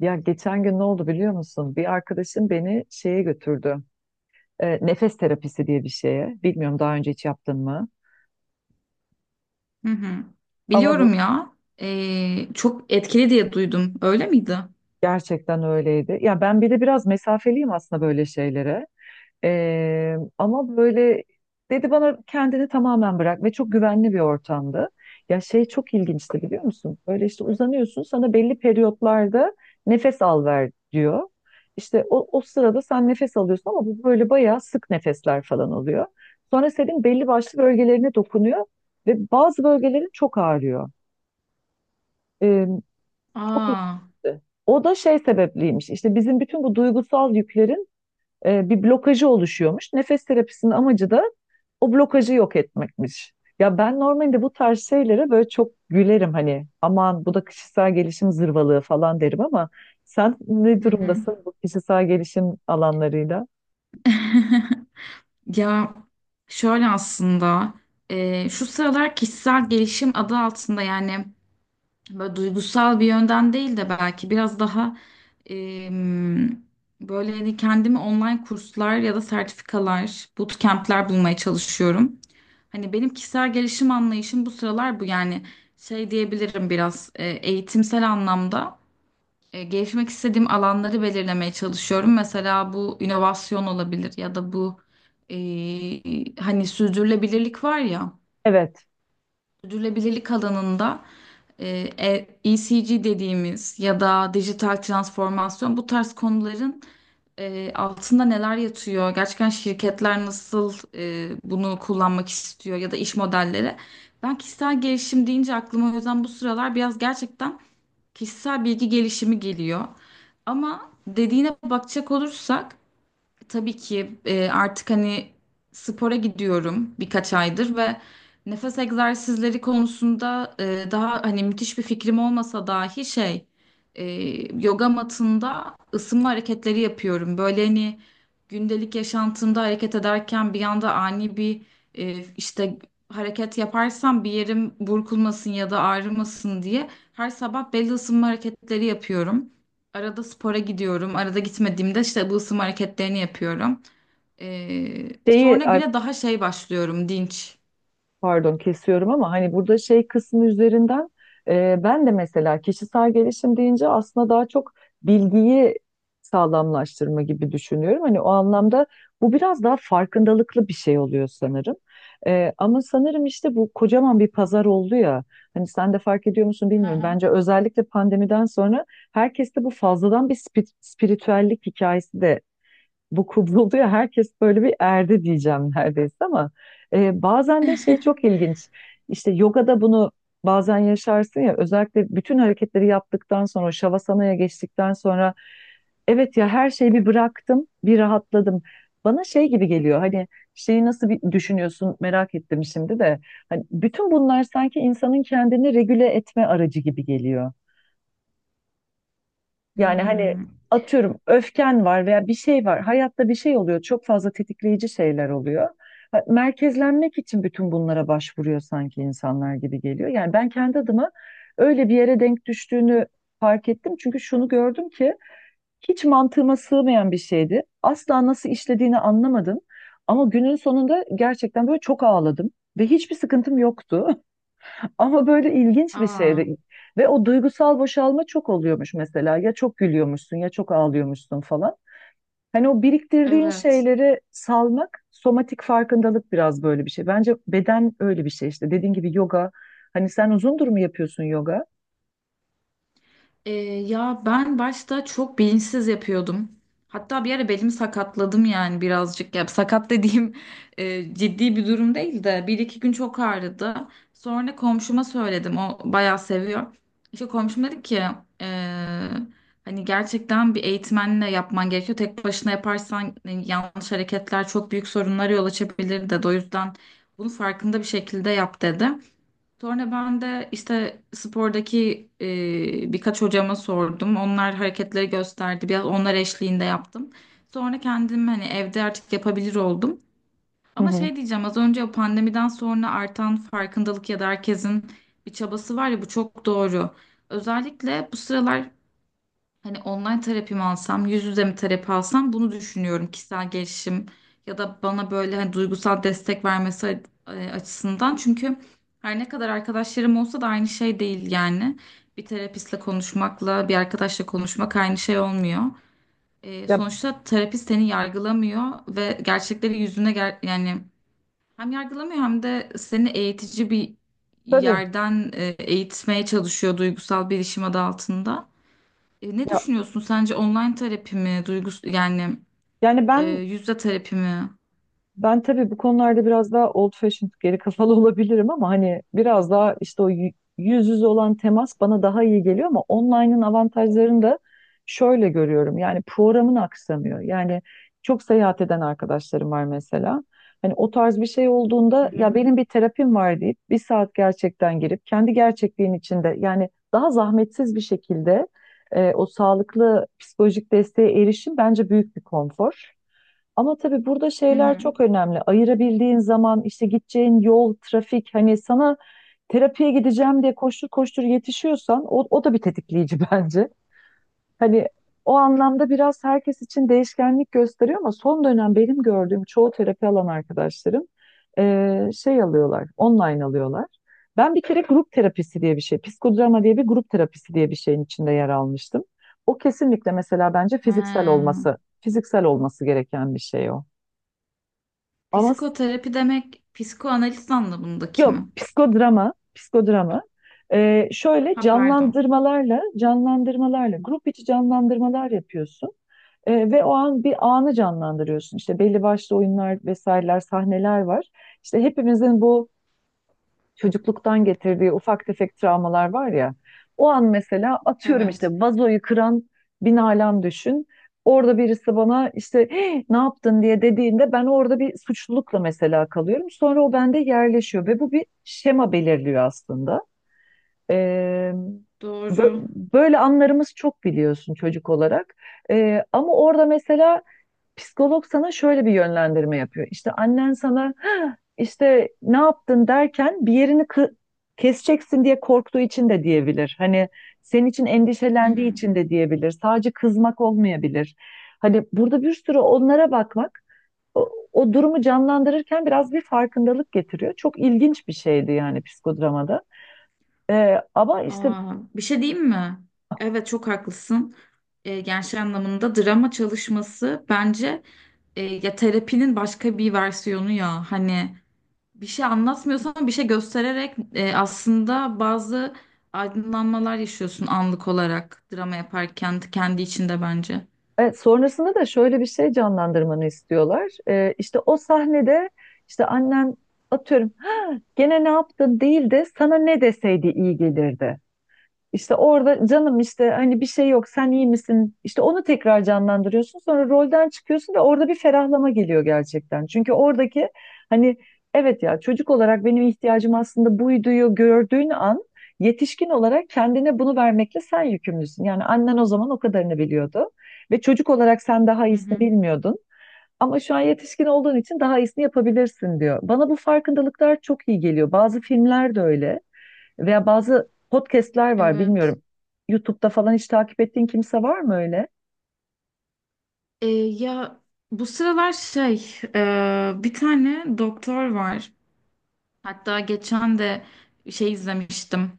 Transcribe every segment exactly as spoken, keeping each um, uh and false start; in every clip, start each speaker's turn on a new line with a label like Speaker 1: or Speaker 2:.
Speaker 1: Ya geçen gün ne oldu biliyor musun? Bir arkadaşım beni şeye götürdü. E, nefes terapisi diye bir şeye. Bilmiyorum daha önce hiç yaptın mı?
Speaker 2: Hı hı.
Speaker 1: Ama
Speaker 2: Biliyorum
Speaker 1: bu
Speaker 2: ya. Ee, çok etkili diye duydum. Öyle miydi?
Speaker 1: gerçekten öyleydi. Ya ben bir de biraz mesafeliyim aslında böyle şeylere. Ee, ama böyle dedi bana kendini tamamen bırak ve çok güvenli bir ortamdı. Ya şey çok ilginçti biliyor musun? Böyle işte uzanıyorsun, sana belli periyotlarda nefes al ver diyor. İşte o, o sırada sen nefes alıyorsun ama bu böyle bayağı sık nefesler falan oluyor. Sonra senin belli başlı bölgelerine dokunuyor ve bazı bölgelerin çok ağrıyor. Ee, Çok
Speaker 2: Aa.
Speaker 1: ilginçti. O da şey sebepliymiş. İşte bizim bütün bu duygusal yüklerin e, bir blokajı oluşuyormuş. Nefes terapisinin amacı da o blokajı yok etmekmiş. Ya ben normalde bu tarz şeylere böyle çok gülerim, hani aman bu da kişisel gelişim zırvalığı falan derim, ama sen ne
Speaker 2: Hı hı.
Speaker 1: durumdasın bu kişisel gelişim alanlarıyla?
Speaker 2: Ya şöyle aslında e, şu sıralar kişisel gelişim adı altında, yani böyle duygusal bir yönden değil de belki biraz daha em, böyle hani kendimi online kurslar ya da sertifikalar, bootcamp'ler bulmaya çalışıyorum. Hani benim kişisel gelişim anlayışım bu sıralar bu, yani şey diyebilirim, biraz e, eğitimsel anlamda e, gelişmek istediğim alanları belirlemeye çalışıyorum. Mesela bu inovasyon olabilir ya da bu, e, hani sürdürülebilirlik var ya.
Speaker 1: Evet.
Speaker 2: Sürdürülebilirlik alanında e, e- ECG dediğimiz ya da dijital transformasyon, bu tarz konuların e, altında neler yatıyor? Gerçekten şirketler nasıl e, bunu kullanmak istiyor ya da iş modelleri? Ben kişisel gelişim deyince aklıma o yüzden bu sıralar biraz gerçekten kişisel bilgi gelişimi geliyor. Ama dediğine bakacak olursak tabii ki, e, artık hani spora gidiyorum birkaç aydır ve nefes egzersizleri konusunda e, daha hani müthiş bir fikrim olmasa dahi şey, e, yoga matında ısınma hareketleri yapıyorum. Böyle hani gündelik yaşantımda hareket ederken bir anda ani bir e, işte hareket yaparsam bir yerim burkulmasın ya da ağrımasın diye her sabah belli ısınma hareketleri yapıyorum. Arada spora gidiyorum. Arada gitmediğimde işte bu ısınma hareketlerini yapıyorum. Ee,
Speaker 1: Şeyi
Speaker 2: sonra
Speaker 1: ay
Speaker 2: güne daha şey başlıyorum, dinç.
Speaker 1: Pardon kesiyorum ama hani burada şey kısmı üzerinden e, ben de mesela kişisel gelişim deyince aslında daha çok bilgiyi sağlamlaştırma gibi düşünüyorum. Hani o anlamda bu biraz daha farkındalıklı bir şey oluyor sanırım. E, ama sanırım işte bu kocaman bir pazar oldu ya. Hani sen de fark ediyor musun
Speaker 2: Hı
Speaker 1: bilmiyorum.
Speaker 2: hı.
Speaker 1: Bence özellikle pandemiden sonra herkeste bu fazladan bir spi- spiritüellik hikayesi de bu kuruluyor. Herkes böyle bir erdi diyeceğim neredeyse ama e, bazen de şey çok ilginç. İşte yogada bunu bazen yaşarsın ya, özellikle bütün hareketleri yaptıktan sonra şavasanaya geçtikten sonra evet ya, her şeyi bir bıraktım, bir rahatladım. Bana şey gibi geliyor, hani şeyi nasıl bir düşünüyorsun merak ettim şimdi de. Hani bütün bunlar sanki insanın kendini regüle etme aracı gibi geliyor. Yani hani
Speaker 2: Hmm.
Speaker 1: atıyorum öfken var veya bir şey var. Hayatta bir şey oluyor. Çok fazla tetikleyici şeyler oluyor. Ha, merkezlenmek için bütün bunlara başvuruyor sanki insanlar gibi geliyor. Yani ben kendi adıma öyle bir yere denk düştüğünü fark ettim. Çünkü şunu gördüm ki hiç mantığıma sığmayan bir şeydi. Asla nasıl işlediğini anlamadım. Ama günün sonunda gerçekten böyle çok ağladım ve hiçbir sıkıntım yoktu. Ama böyle ilginç bir
Speaker 2: Aa,
Speaker 1: şeydi. Ve o duygusal boşalma çok oluyormuş mesela. Ya çok gülüyormuşsun ya çok ağlıyormuşsun falan. Hani o biriktirdiğin
Speaker 2: evet.
Speaker 1: şeyleri salmak, somatik farkındalık biraz böyle bir şey. Bence beden öyle bir şey işte. Dediğin gibi yoga. Hani sen uzundur mu yapıyorsun yoga?
Speaker 2: Ee, ya ben başta çok bilinçsiz yapıyordum. Hatta bir ara belimi sakatladım, yani birazcık. Ya sakat dediğim e, ciddi bir durum değil de bir iki gün çok ağrıdı. Sonra komşuma söyledim. O bayağı seviyor. İşte komşum dedi ki e, hani gerçekten bir eğitmenle yapman gerekiyor. Tek başına yaparsan e, yanlış hareketler çok büyük sorunlara yol açabilir dedi. O yüzden bunu farkında bir şekilde yap dedi. Sonra ben de işte spordaki e, birkaç hocama sordum. Onlar hareketleri gösterdi. Biraz onlar eşliğinde yaptım. Sonra kendim hani evde artık yapabilir oldum.
Speaker 1: Hı
Speaker 2: Ama
Speaker 1: hı.
Speaker 2: şey diyeceğim, az önce o pandemiden sonra artan farkındalık ya da herkesin bir çabası var ya, bu çok doğru. Özellikle bu sıralar hani online terapi mi alsam, yüz yüze mi terapi alsam bunu düşünüyorum, kişisel gelişim ya da bana böyle hani duygusal destek vermesi e, açısından. Çünkü her ne kadar arkadaşlarım olsa da aynı şey değil yani. Bir terapistle konuşmakla bir arkadaşla konuşmak aynı şey olmuyor. E,
Speaker 1: Ya
Speaker 2: sonuçta terapist seni yargılamıyor ve gerçekleri yüzüne ger, yani hem yargılamıyor hem de seni eğitici bir
Speaker 1: tabii.
Speaker 2: yerden e, eğitmeye çalışıyor duygusal bilişim adı altında. E, ne
Speaker 1: Ya
Speaker 2: düşünüyorsun, sence online terapi mi, duygus, yani
Speaker 1: yani
Speaker 2: e,
Speaker 1: ben
Speaker 2: yüzde terapi mi?
Speaker 1: Ben tabii bu konularda biraz daha old fashioned, geri kafalı olabilirim ama hani biraz daha işte o yü- yüz yüze olan temas bana daha iyi geliyor, ama online'ın avantajlarını da şöyle görüyorum. Yani programın aksamıyor. Yani çok seyahat eden arkadaşlarım var mesela. Hani o tarz bir şey
Speaker 2: Hı
Speaker 1: olduğunda
Speaker 2: hı.
Speaker 1: ya benim bir terapim var deyip bir saat gerçekten girip kendi gerçekliğin içinde, yani daha zahmetsiz bir şekilde e, o sağlıklı psikolojik desteğe erişim bence büyük bir konfor. Ama tabii burada
Speaker 2: Hı
Speaker 1: şeyler
Speaker 2: hı.
Speaker 1: çok önemli. Ayırabildiğin zaman, işte gideceğin yol, trafik, hani sana terapiye gideceğim diye koştur koştur yetişiyorsan o, o da bir tetikleyici bence. Hani o anlamda biraz herkes için değişkenlik gösteriyor ama son dönem benim gördüğüm çoğu terapi alan arkadaşlarım eee, şey alıyorlar, online alıyorlar. Ben bir kere grup terapisi diye bir şey, psikodrama diye bir grup terapisi diye bir şeyin içinde yer almıştım. O kesinlikle mesela bence fiziksel
Speaker 2: Ha,
Speaker 1: olması, fiziksel olması gereken bir şey o. Ama s-
Speaker 2: psikoterapi demek psikoanaliz anlamındaki
Speaker 1: Yok,
Speaker 2: mi?
Speaker 1: psikodrama, psikodrama. Ee, şöyle
Speaker 2: Ha, pardon.
Speaker 1: canlandırmalarla, canlandırmalarla, grup içi canlandırmalar yapıyorsun. Ee, ve o an bir anı canlandırıyorsun. İşte belli başlı oyunlar vesaireler, sahneler var. İşte hepimizin bu çocukluktan getirdiği ufak tefek travmalar var ya. O an mesela atıyorum işte
Speaker 2: Evet.
Speaker 1: vazoyu kıran bin alem düşün. Orada birisi bana işte "Hey, ne yaptın" diye dediğinde ben orada bir suçlulukla mesela kalıyorum. Sonra o bende yerleşiyor ve bu bir şema belirliyor aslında. Ee, bö-
Speaker 2: Doğru.
Speaker 1: Böyle anlarımız çok biliyorsun çocuk olarak. Ee, ama orada mesela psikolog sana şöyle bir yönlendirme yapıyor. İşte annen sana "Hah, işte ne yaptın" derken bir yerini kı- keseceksin diye korktuğu için de diyebilir. Hani senin için
Speaker 2: Hı
Speaker 1: endişelendiği
Speaker 2: hı.
Speaker 1: için de diyebilir. Sadece kızmak olmayabilir. Hani burada bir sürü onlara bakmak, o, o durumu canlandırırken biraz bir farkındalık getiriyor. Çok ilginç bir şeydi yani psikodramada. Ee, ama işte
Speaker 2: Aa, bir şey diyeyim mi? Evet, çok haklısın. E, gençler anlamında drama çalışması bence e, ya terapinin başka bir versiyonu ya hani bir şey anlatmıyorsan bir şey göstererek e, aslında bazı aydınlanmalar yaşıyorsun anlık olarak drama yaparken kendi içinde bence.
Speaker 1: Evet, sonrasında da şöyle bir şey canlandırmanı istiyorlar. Ee, işte o sahnede işte annen atıyorum "Ha, gene ne yaptın" değil de sana ne deseydi iyi gelirdi. İşte orada canım, işte hani bir şey yok, sen iyi misin? İşte onu tekrar canlandırıyorsun. Sonra rolden çıkıyorsun ve orada bir ferahlama geliyor gerçekten. Çünkü oradaki hani evet ya, çocuk olarak benim ihtiyacım aslında buyduyu gördüğün an yetişkin olarak kendine bunu vermekle sen yükümlüsün. Yani annen o zaman o kadarını biliyordu ve çocuk olarak sen daha
Speaker 2: Hı
Speaker 1: iyisini
Speaker 2: hı.
Speaker 1: bilmiyordun. Ama şu an yetişkin olduğun için daha iyisini yapabilirsin diyor. Bana bu farkındalıklar çok iyi geliyor. Bazı filmler de öyle. Veya bazı podcastler var
Speaker 2: Evet.
Speaker 1: bilmiyorum. YouTube'da falan hiç takip ettiğin kimse var mı öyle?
Speaker 2: E, ya bu sıralar şey, e, bir tane doktor var. Hatta geçen de şey izlemiştim.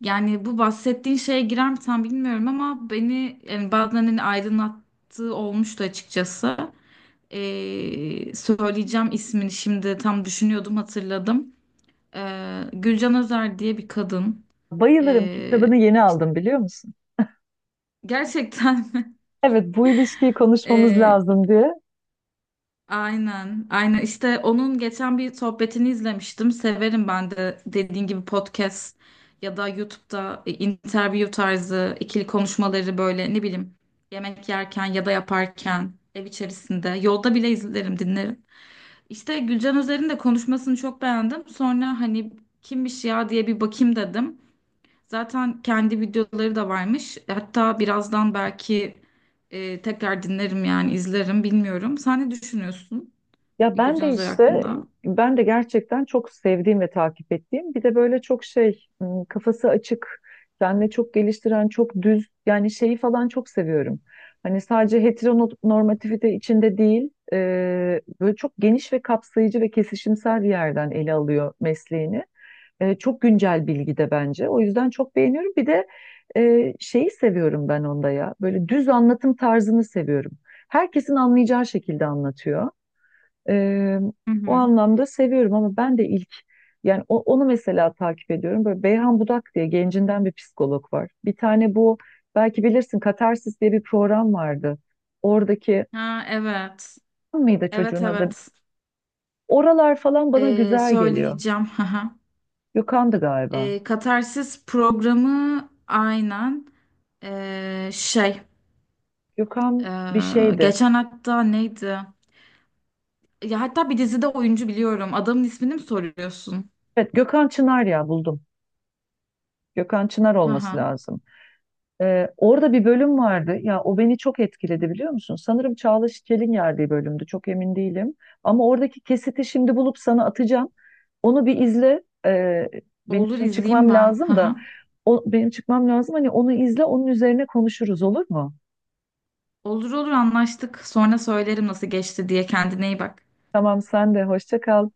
Speaker 2: Yani bu bahsettiğin şeye girer mi tam bilmiyorum ama beni yani bazen hani aydınlattığı olmuştu açıkçası. Ee, söyleyeceğim ismini, şimdi tam düşünüyordum, hatırladım. Ee, Gülcan Özer diye bir kadın.
Speaker 1: Bayılırım,
Speaker 2: Ee,
Speaker 1: kitabını yeni
Speaker 2: işte
Speaker 1: aldım biliyor musun?
Speaker 2: gerçekten
Speaker 1: Evet, bu ilişkiyi konuşmamız
Speaker 2: ee,
Speaker 1: lazım diye.
Speaker 2: aynen, aynen. İşte onun geçen bir sohbetini izlemiştim. Severim ben de, dediğin gibi, podcast ya da YouTube'da e, interview tarzı ikili konuşmaları, böyle ne bileyim, yemek yerken ya da yaparken, ev içerisinde, yolda bile izlerim, dinlerim. İşte Gülcan Özer'in de konuşmasını çok beğendim. Sonra hani kimmiş ya diye bir bakayım dedim. Zaten kendi videoları da varmış. Hatta birazdan belki e, tekrar dinlerim, yani izlerim, bilmiyorum. Sen ne düşünüyorsun
Speaker 1: Ya ben
Speaker 2: Gülcan
Speaker 1: de
Speaker 2: Özer
Speaker 1: işte,
Speaker 2: hakkında?
Speaker 1: ben de gerçekten çok sevdiğim ve takip ettiğim, bir de böyle çok şey, ım, kafası açık, kendini çok geliştiren, çok düz, yani şeyi falan çok seviyorum. Hani sadece heteronormativite içinde değil, e, böyle çok geniş ve kapsayıcı ve kesişimsel bir yerden ele alıyor mesleğini. E, çok güncel bilgi de bence. O yüzden çok beğeniyorum. Bir de e, şeyi seviyorum ben onda ya. Böyle düz anlatım tarzını seviyorum. Herkesin anlayacağı şekilde anlatıyor. E,
Speaker 2: Hı
Speaker 1: O
Speaker 2: hı.
Speaker 1: anlamda seviyorum, ama ben de ilk, yani o- onu mesela takip ediyorum. Böyle Beyhan Budak diye gencinden bir psikolog var. Bir tane bu, belki bilirsin, Katarsis diye bir program vardı. Oradaki
Speaker 2: Ha, evet.
Speaker 1: mıydı
Speaker 2: Evet,
Speaker 1: çocuğun adı?
Speaker 2: evet.
Speaker 1: Oralar falan bana
Speaker 2: Ee,
Speaker 1: güzel geliyor.
Speaker 2: söyleyeceğim. Haha.
Speaker 1: Gökhan'dı galiba.
Speaker 2: Ee, Katarsis programı, aynen. Ee, şey
Speaker 1: Gökhan bir
Speaker 2: ee,
Speaker 1: şeydi.
Speaker 2: geçen hatta neydi? Ya hatta bir dizide oyuncu, biliyorum. Adamın ismini mi soruyorsun?
Speaker 1: Evet, Gökhan Çınar, ya buldum. Gökhan Çınar olması
Speaker 2: Haha.
Speaker 1: lazım. Ee, orada bir bölüm vardı. Ya o beni çok etkiledi biliyor musun? Sanırım Çağla Şikel'in yerdiği bölümdü. Çok emin değilim. Ama oradaki kesiti şimdi bulup sana atacağım. Onu bir izle. Ee, benim
Speaker 2: Olur,
Speaker 1: şimdi
Speaker 2: izleyeyim
Speaker 1: çıkmam
Speaker 2: ben.
Speaker 1: lazım da.
Speaker 2: Haha.
Speaker 1: O, benim çıkmam lazım. Hani onu izle, onun üzerine konuşuruz, olur mu?
Speaker 2: Olur olur, anlaştık. Sonra söylerim nasıl geçti diye. Kendine iyi bak.
Speaker 1: Tamam, sen de hoşça kal.